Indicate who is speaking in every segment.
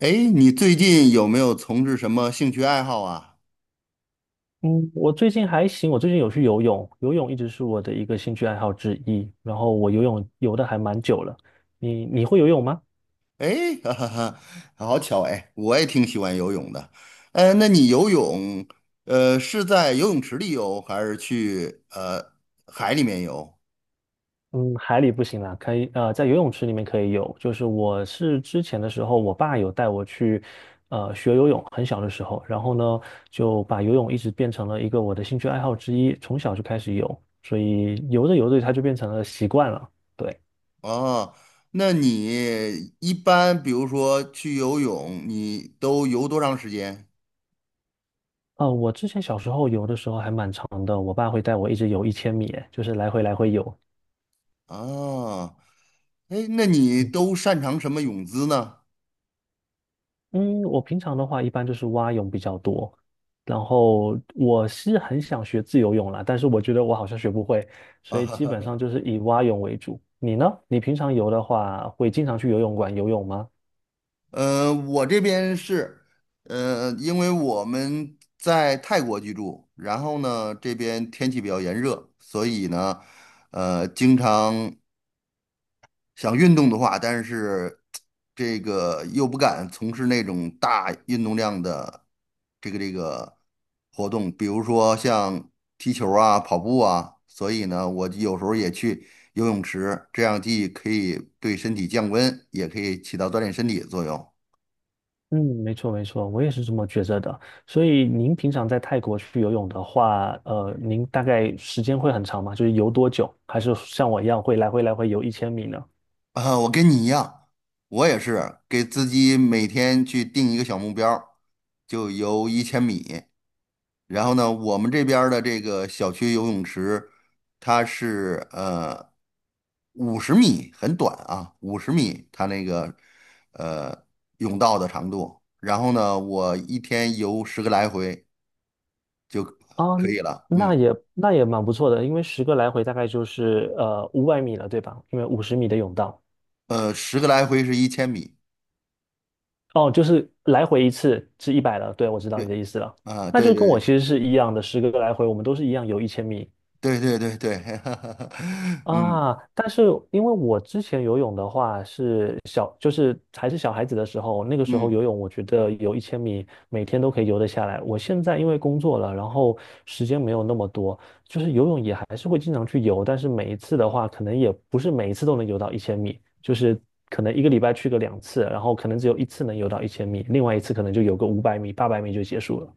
Speaker 1: 哎，你最近有没有从事什么兴趣爱好啊？
Speaker 2: 嗯，我最近还行，我最近有去游泳，游泳一直是我的一个兴趣爱好之一。然后我游泳游的还蛮久了，你会游泳吗？
Speaker 1: 哎，哈哈哈，好巧哎，我也挺喜欢游泳的。呃，那你游泳，呃，是在游泳池里游，还是去海里面游？
Speaker 2: 嗯，海里不行啦，可以在游泳池里面可以游。就是我是之前的时候，我爸有带我去学游泳，很小的时候，然后呢就把游泳一直变成了一个我的兴趣爱好之一，从小就开始游，所以游着游着它就变成了习惯了。对。
Speaker 1: 哦，那你一般比如说去游泳，你都游多长时间？
Speaker 2: 我之前小时候游的时候还蛮长的，我爸会带我一直游一千米，哎就是来回来回游，
Speaker 1: 哦，哎，那你
Speaker 2: 嗯，
Speaker 1: 都擅长什么泳姿呢？
Speaker 2: 嗯我平常的话一般就是蛙泳比较多，然后我是很想学自由泳啦，但是我觉得我好像学不会，
Speaker 1: 啊，
Speaker 2: 所以
Speaker 1: 哈
Speaker 2: 基本
Speaker 1: 哈。
Speaker 2: 上就是以蛙泳为主。你呢？你平常游的话，会经常去游泳馆游泳吗？
Speaker 1: 我这边是，因为我们在泰国居住，然后呢，这边天气比较炎热，所以呢，经常想运动的话，但是这个又不敢从事那种大运动量的这个活动，比如说像踢球啊、跑步啊，所以呢，我有时候也去游泳池，这样既可以对身体降温，也可以起到锻炼身体的作用。
Speaker 2: 嗯，没错没错，我也是这么觉着的。所以您平常在泰国去游泳的话，您大概时间会很长吗？就是游多久？还是像我一样会来回来回游一千米呢？
Speaker 1: 啊，我跟你一样，我也是给自己每天去定一个小目标儿，就游一千米。然后呢，我们这边儿的这个小区游泳池，它是五十米，很短啊，五十米它那个呃泳道的长度。然后呢，我一天游十个来回，
Speaker 2: 啊，
Speaker 1: 可以了。
Speaker 2: 那
Speaker 1: 嗯，
Speaker 2: 也那也蛮不错的，因为十个来回大概就是五百米了，对吧？因为50米的泳道，
Speaker 1: 十个来回是一千米。
Speaker 2: 哦，就是来回一次是100了。对，我知道
Speaker 1: 对，
Speaker 2: 你的意思了，
Speaker 1: 啊，
Speaker 2: 那
Speaker 1: 对
Speaker 2: 就跟我其
Speaker 1: 对
Speaker 2: 实是一样的，十个来回我们都是一样游一千米，
Speaker 1: 对对对对对，嗯
Speaker 2: 啊，但是因为我之前游泳的话是小，就是还是小孩子的时候，那个时候
Speaker 1: 嗯。
Speaker 2: 游泳，我觉得游一千米每天都可以游得下来。我现在因为工作了，然后时间没有那么多，就是游泳也还是会经常去游，但是每一次的话，可能也不是每一次都能游到一千米，就是可能一个礼拜去个两次，然后可能只有一次能游到一千米，另外一次可能就游个五百米、800米就结束了。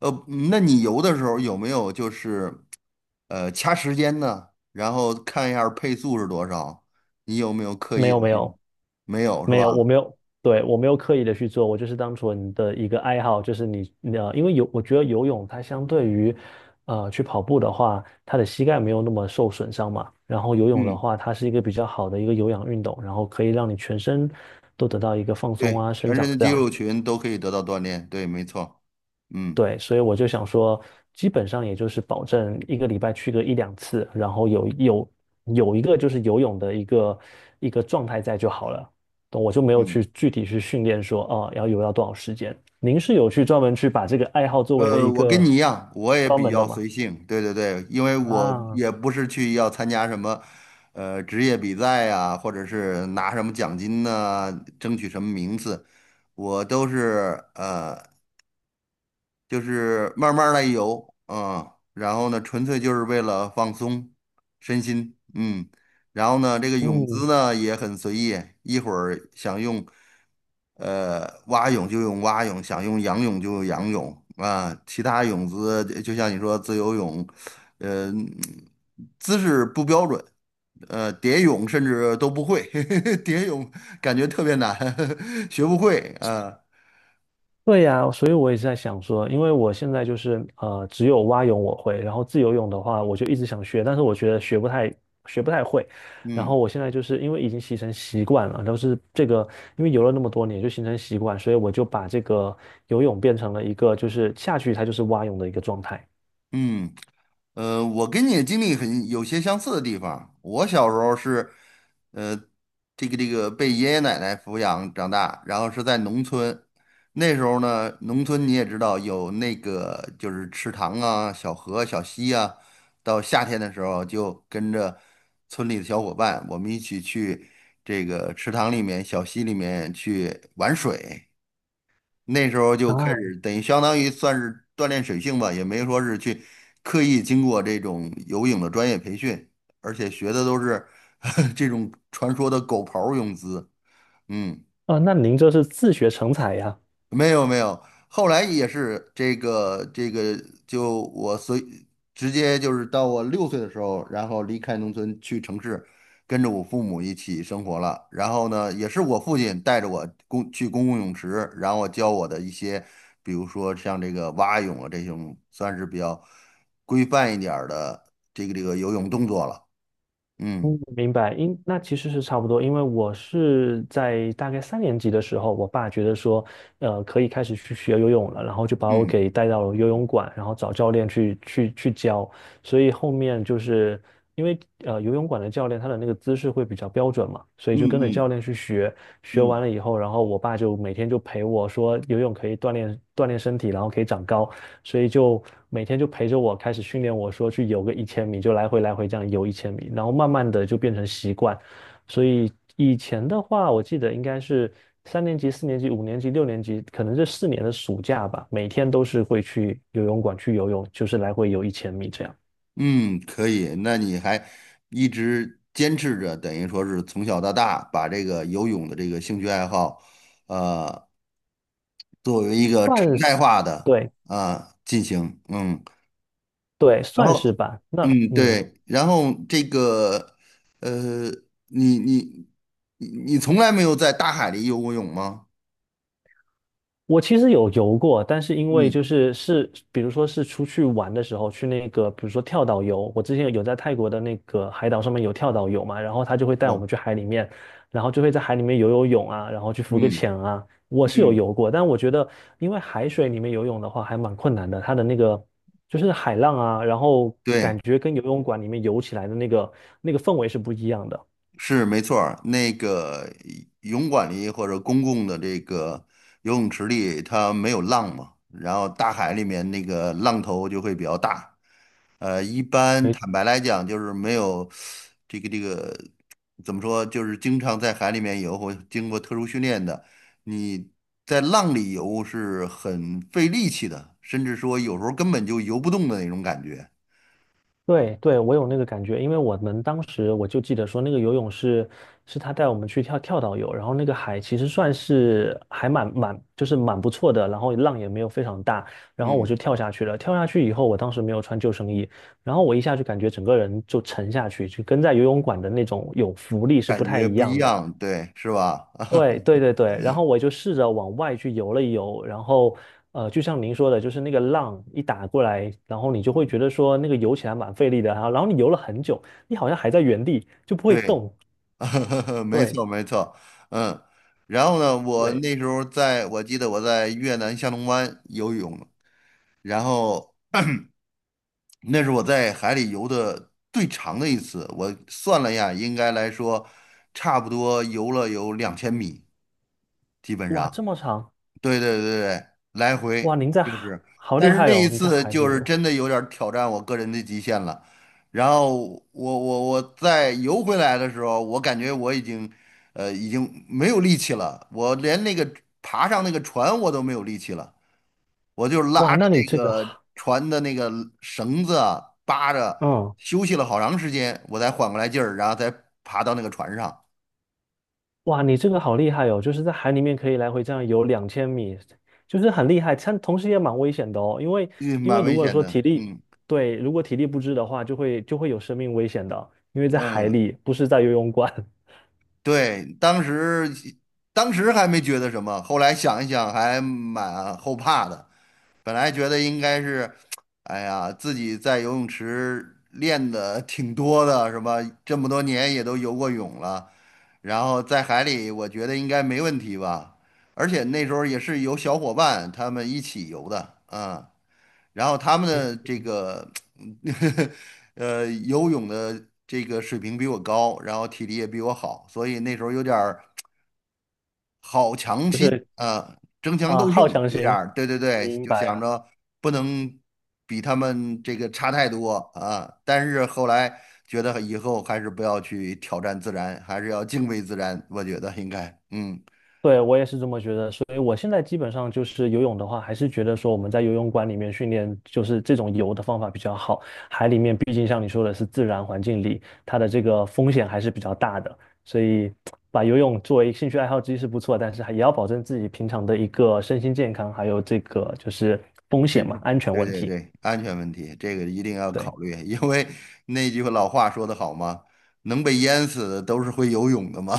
Speaker 1: 呃，那你游的时候有没有就是，掐时间呢？然后看一下配速是多少？你有没有刻
Speaker 2: 没
Speaker 1: 意的
Speaker 2: 有没
Speaker 1: 去？
Speaker 2: 有，
Speaker 1: 没有是
Speaker 2: 没
Speaker 1: 吧？
Speaker 2: 有，我没有，对，我没有刻意的去做，我就是当纯的一个爱好，就是你，你呃，因为游，我觉得游泳它相对于，去跑步的话，它的膝盖没有那么受损伤嘛，然后游泳的
Speaker 1: 嗯，
Speaker 2: 话，它是一个比较好的一个有氧运动，然后可以让你全身都得到一个放松
Speaker 1: 对，
Speaker 2: 啊、生
Speaker 1: 全身
Speaker 2: 长
Speaker 1: 的
Speaker 2: 这
Speaker 1: 肌
Speaker 2: 样，
Speaker 1: 肉群都可以得到锻炼。对，没错。嗯
Speaker 2: 对，所以我就想说，基本上也就是保证一个礼拜去个一两次，然后有一个就是游泳的一个状态在就好了。懂我就没有
Speaker 1: 嗯。
Speaker 2: 去具体去训练说，哦，要游到多少时间。您是有去专门去把这个爱好作为了一
Speaker 1: 我跟
Speaker 2: 个
Speaker 1: 你一样，我也
Speaker 2: 专
Speaker 1: 比
Speaker 2: 门的
Speaker 1: 较
Speaker 2: 吗？
Speaker 1: 随性。对对对，因为我
Speaker 2: 啊，
Speaker 1: 也不是去要参加什么，职业比赛呀、或者是拿什么奖金呐、争取什么名次，我都是呃。就是慢慢来游啊，然后呢，纯粹就是为了放松身心，嗯，然后呢，这个泳姿
Speaker 2: 嗯，
Speaker 1: 呢也很随意，一会儿想用蛙泳就用蛙泳，想用仰泳就用仰泳啊，其他泳姿就像你说自由泳，呃，姿势不标准。蝶泳甚至都不会，蝶泳感觉特别难，学不会啊，
Speaker 2: 对呀，所以我也是在想说，因为我现在就是只有蛙泳我会，然后自由泳的话，我就一直想学，但是我觉得学不太会。然
Speaker 1: 嗯
Speaker 2: 后我现在就是因为已经形成习惯了，都是这个，因为游了那么多年就形成习惯，所以我就把这个游泳变成了一个就是下去它就是蛙泳的一个状态
Speaker 1: 嗯。我跟你的经历很有些相似的地方。我小时候是，呃，被爷爷奶奶抚养长大，然后是在农村。那时候呢，农村你也知道有那个就是池塘啊、小河、小溪啊。到夏天的时候，就跟着村里的小伙伴，我们一起去这个池塘里面、小溪里面去玩水。那时候就开
Speaker 2: 啊
Speaker 1: 始，等于相当于算是锻炼水性吧，也没说是去刻意经过这种游泳的专业培训，而且学的都是 这种传说的狗刨儿泳姿。嗯。
Speaker 2: 啊。那您这是自学成才呀？
Speaker 1: 没有没有，后来也是这个这个，就我随直接就是到我6岁的时候，然后离开农村去城市，跟着我父母一起生活了。然后呢，也是我父亲带着我公去公共泳池，然后教我的一些，比如说像这个蛙泳啊这种，算是比较规范一点儿的游泳动作了。嗯
Speaker 2: 嗯，明白，因那其实是差不多，因为我是在大概三年级的时候，我爸觉得说，可以开始去学游泳了，然后就把我
Speaker 1: 嗯
Speaker 2: 给带到了游泳馆，然后找教练去教，所以后面就是因为游泳馆的教练他的那个姿势会比较标准嘛，所以
Speaker 1: 嗯
Speaker 2: 就跟着教
Speaker 1: 嗯
Speaker 2: 练去学，学完
Speaker 1: 嗯。
Speaker 2: 了以后，然后我爸就每天就陪我说游泳可以锻炼锻炼身体，然后可以长高，所以就每天就陪着我开始训练我说去游个一千米，就来回来回这样游一千米，然后慢慢的就变成习惯。所以以前的话，我记得应该是三年级、4年级、5年级、6年级，可能这四年的暑假吧，每天都是会去游泳馆去游泳，就是来回游一千米这样。
Speaker 1: 嗯，可以。那你还一直坚持着，等于说是从小到大把这个游泳的这个兴趣爱好，呃，作为一个常
Speaker 2: 算
Speaker 1: 态
Speaker 2: 是，
Speaker 1: 化的
Speaker 2: 对
Speaker 1: 啊、进行。嗯，
Speaker 2: 对，
Speaker 1: 然
Speaker 2: 算是
Speaker 1: 后，
Speaker 2: 吧。那
Speaker 1: 嗯，
Speaker 2: 嗯，
Speaker 1: 对，然后这个，呃，你你你从来没有在大海里游过泳吗？
Speaker 2: 我其实有游过，但是因为
Speaker 1: 嗯，
Speaker 2: 就是，比如说是出去玩的时候，去那个，比如说跳岛游，我之前有在泰国的那个海岛上面有跳岛游嘛，然后他就会带我
Speaker 1: 哦，
Speaker 2: 们去海里面，然后就会在海里面游游泳啊，然后去浮个
Speaker 1: 嗯
Speaker 2: 潜啊，我是有
Speaker 1: 嗯，
Speaker 2: 游过，但我觉得因为海水里面游泳的话还蛮困难的，它的那个就是海浪啊，然后感
Speaker 1: 对。
Speaker 2: 觉跟游泳馆里面游起来的那个氛围是不一样的。
Speaker 1: 是没错儿，那个泳馆里或者公共的这个游泳池里，它没有浪嘛，然后大海里面那个浪头就会比较大。一般坦白来讲，就是没有这个这个怎么说，就是经常在海里面游或经过特殊训练的，你在浪里游是很费力气的，甚至说有时候根本就游不动的那种感觉。
Speaker 2: 对对，我有那个感觉，因为我们当时我就记得说，那个游泳是他带我们去跳岛游，然后那个海其实算是还就是蛮不错的，然后浪也没有非常大，然后我就
Speaker 1: 嗯，
Speaker 2: 跳下去了。跳下去以后，我当时没有穿救生衣，然后我一下就感觉整个人就沉下去，就跟在游泳馆的那种有浮力是不
Speaker 1: 感
Speaker 2: 太
Speaker 1: 觉
Speaker 2: 一
Speaker 1: 不一
Speaker 2: 样的。
Speaker 1: 样，对，是吧？
Speaker 2: 对对对对，然后我就试着往外去游了游，然后就像您说的，就是那个浪一打过来，然后你就会觉得说那个游起来蛮费力的，然后你游了很久，你好像还在原地就不会
Speaker 1: 对，
Speaker 2: 动。
Speaker 1: 没
Speaker 2: 对
Speaker 1: 错，没错，嗯，然后呢，我
Speaker 2: 对，
Speaker 1: 那时候在，我记得我在越南下龙湾游泳，然后那是我在海里游的最长的一次，我算了一下，应该来说，差不多游了有2000米，基本
Speaker 2: 哇，
Speaker 1: 上。
Speaker 2: 这么长，
Speaker 1: 对。来
Speaker 2: 哇，
Speaker 1: 回
Speaker 2: 您在
Speaker 1: 就
Speaker 2: 海
Speaker 1: 是，
Speaker 2: 好
Speaker 1: 但
Speaker 2: 厉
Speaker 1: 是
Speaker 2: 害
Speaker 1: 那
Speaker 2: 哦，
Speaker 1: 一
Speaker 2: 你在
Speaker 1: 次
Speaker 2: 海
Speaker 1: 就
Speaker 2: 里
Speaker 1: 是
Speaker 2: 游，
Speaker 1: 真的有点儿挑战我个人的极限了。然后我再游回来的时候，我感觉我已经，已经没有力气了，我连那个爬上那个船我都没有力气了，我就
Speaker 2: 哇，
Speaker 1: 拉着
Speaker 2: 那你
Speaker 1: 那
Speaker 2: 这个，
Speaker 1: 个船的那个绳子啊扒着，
Speaker 2: 嗯
Speaker 1: 休息了好长时间，我才缓过来劲儿，然后再爬到那个船上，
Speaker 2: 哇，你这个好厉害哦！就是在海里面可以来回这样游2000米，就是很厉害，但同时也蛮危险的哦。因为
Speaker 1: 嗯，
Speaker 2: 因为
Speaker 1: 蛮
Speaker 2: 如
Speaker 1: 危
Speaker 2: 果
Speaker 1: 险
Speaker 2: 说体
Speaker 1: 的，
Speaker 2: 力，
Speaker 1: 嗯
Speaker 2: 对，如果体力不支的话，就会有生命危险的。因为在海
Speaker 1: 嗯。
Speaker 2: 里，不是在游泳馆，
Speaker 1: 对，当时还没觉得什么，后来想一想还蛮后怕的。本来觉得应该是，哎呀，自己在游泳池练的挺多的，是吧？这么多年也都游过泳了，然后在海里，我觉得应该没问题吧。而且那时候也是有小伙伴他们一起游的，啊，然后他们的这个 游泳的这个水平比我高，然后体力也比我好，所以那时候有点儿好强
Speaker 2: 就
Speaker 1: 心
Speaker 2: 是
Speaker 1: 啊，争强
Speaker 2: 啊、
Speaker 1: 斗胜，
Speaker 2: 好强
Speaker 1: 有点
Speaker 2: 行，
Speaker 1: 儿对对对，
Speaker 2: 明
Speaker 1: 就
Speaker 2: 白
Speaker 1: 想
Speaker 2: 了。
Speaker 1: 着不能比他们这个差太多啊。但是后来觉得以后还是不要去挑战自然，还是要敬畏自然，我觉得应该嗯。
Speaker 2: 对，我也是这么觉得，所以我现在基本上就是游泳的话，还是觉得说我们在游泳馆里面训练，就是这种游的方法比较好。海里面毕竟像你说的是自然环境里，它的这个风险还是比较大的，所以把游泳作为兴趣爱好之一是不错，但是还也要保证自己平常的一个身心健康，还有这个就是风险
Speaker 1: 真
Speaker 2: 嘛，
Speaker 1: 是，
Speaker 2: 安全
Speaker 1: 对
Speaker 2: 问
Speaker 1: 对
Speaker 2: 题。
Speaker 1: 对，安全问题这个一定要
Speaker 2: 对，
Speaker 1: 考虑，因为 那句老话说得好嘛，能被淹死的都是会游泳的嘛，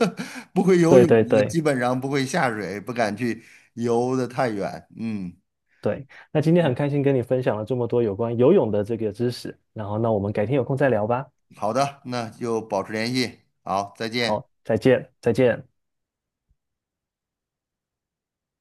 Speaker 1: 不会游
Speaker 2: 对
Speaker 1: 泳
Speaker 2: 对
Speaker 1: 的
Speaker 2: 对
Speaker 1: 基本上不会下水，不敢去游的太远。嗯
Speaker 2: 对。那今天很
Speaker 1: 嗯。
Speaker 2: 开心跟你分享了这么多有关游泳的这个知识，然后那我们改天有空再聊吧。
Speaker 1: 好的，那就保持联系，好，再见。
Speaker 2: 好，再见，再见。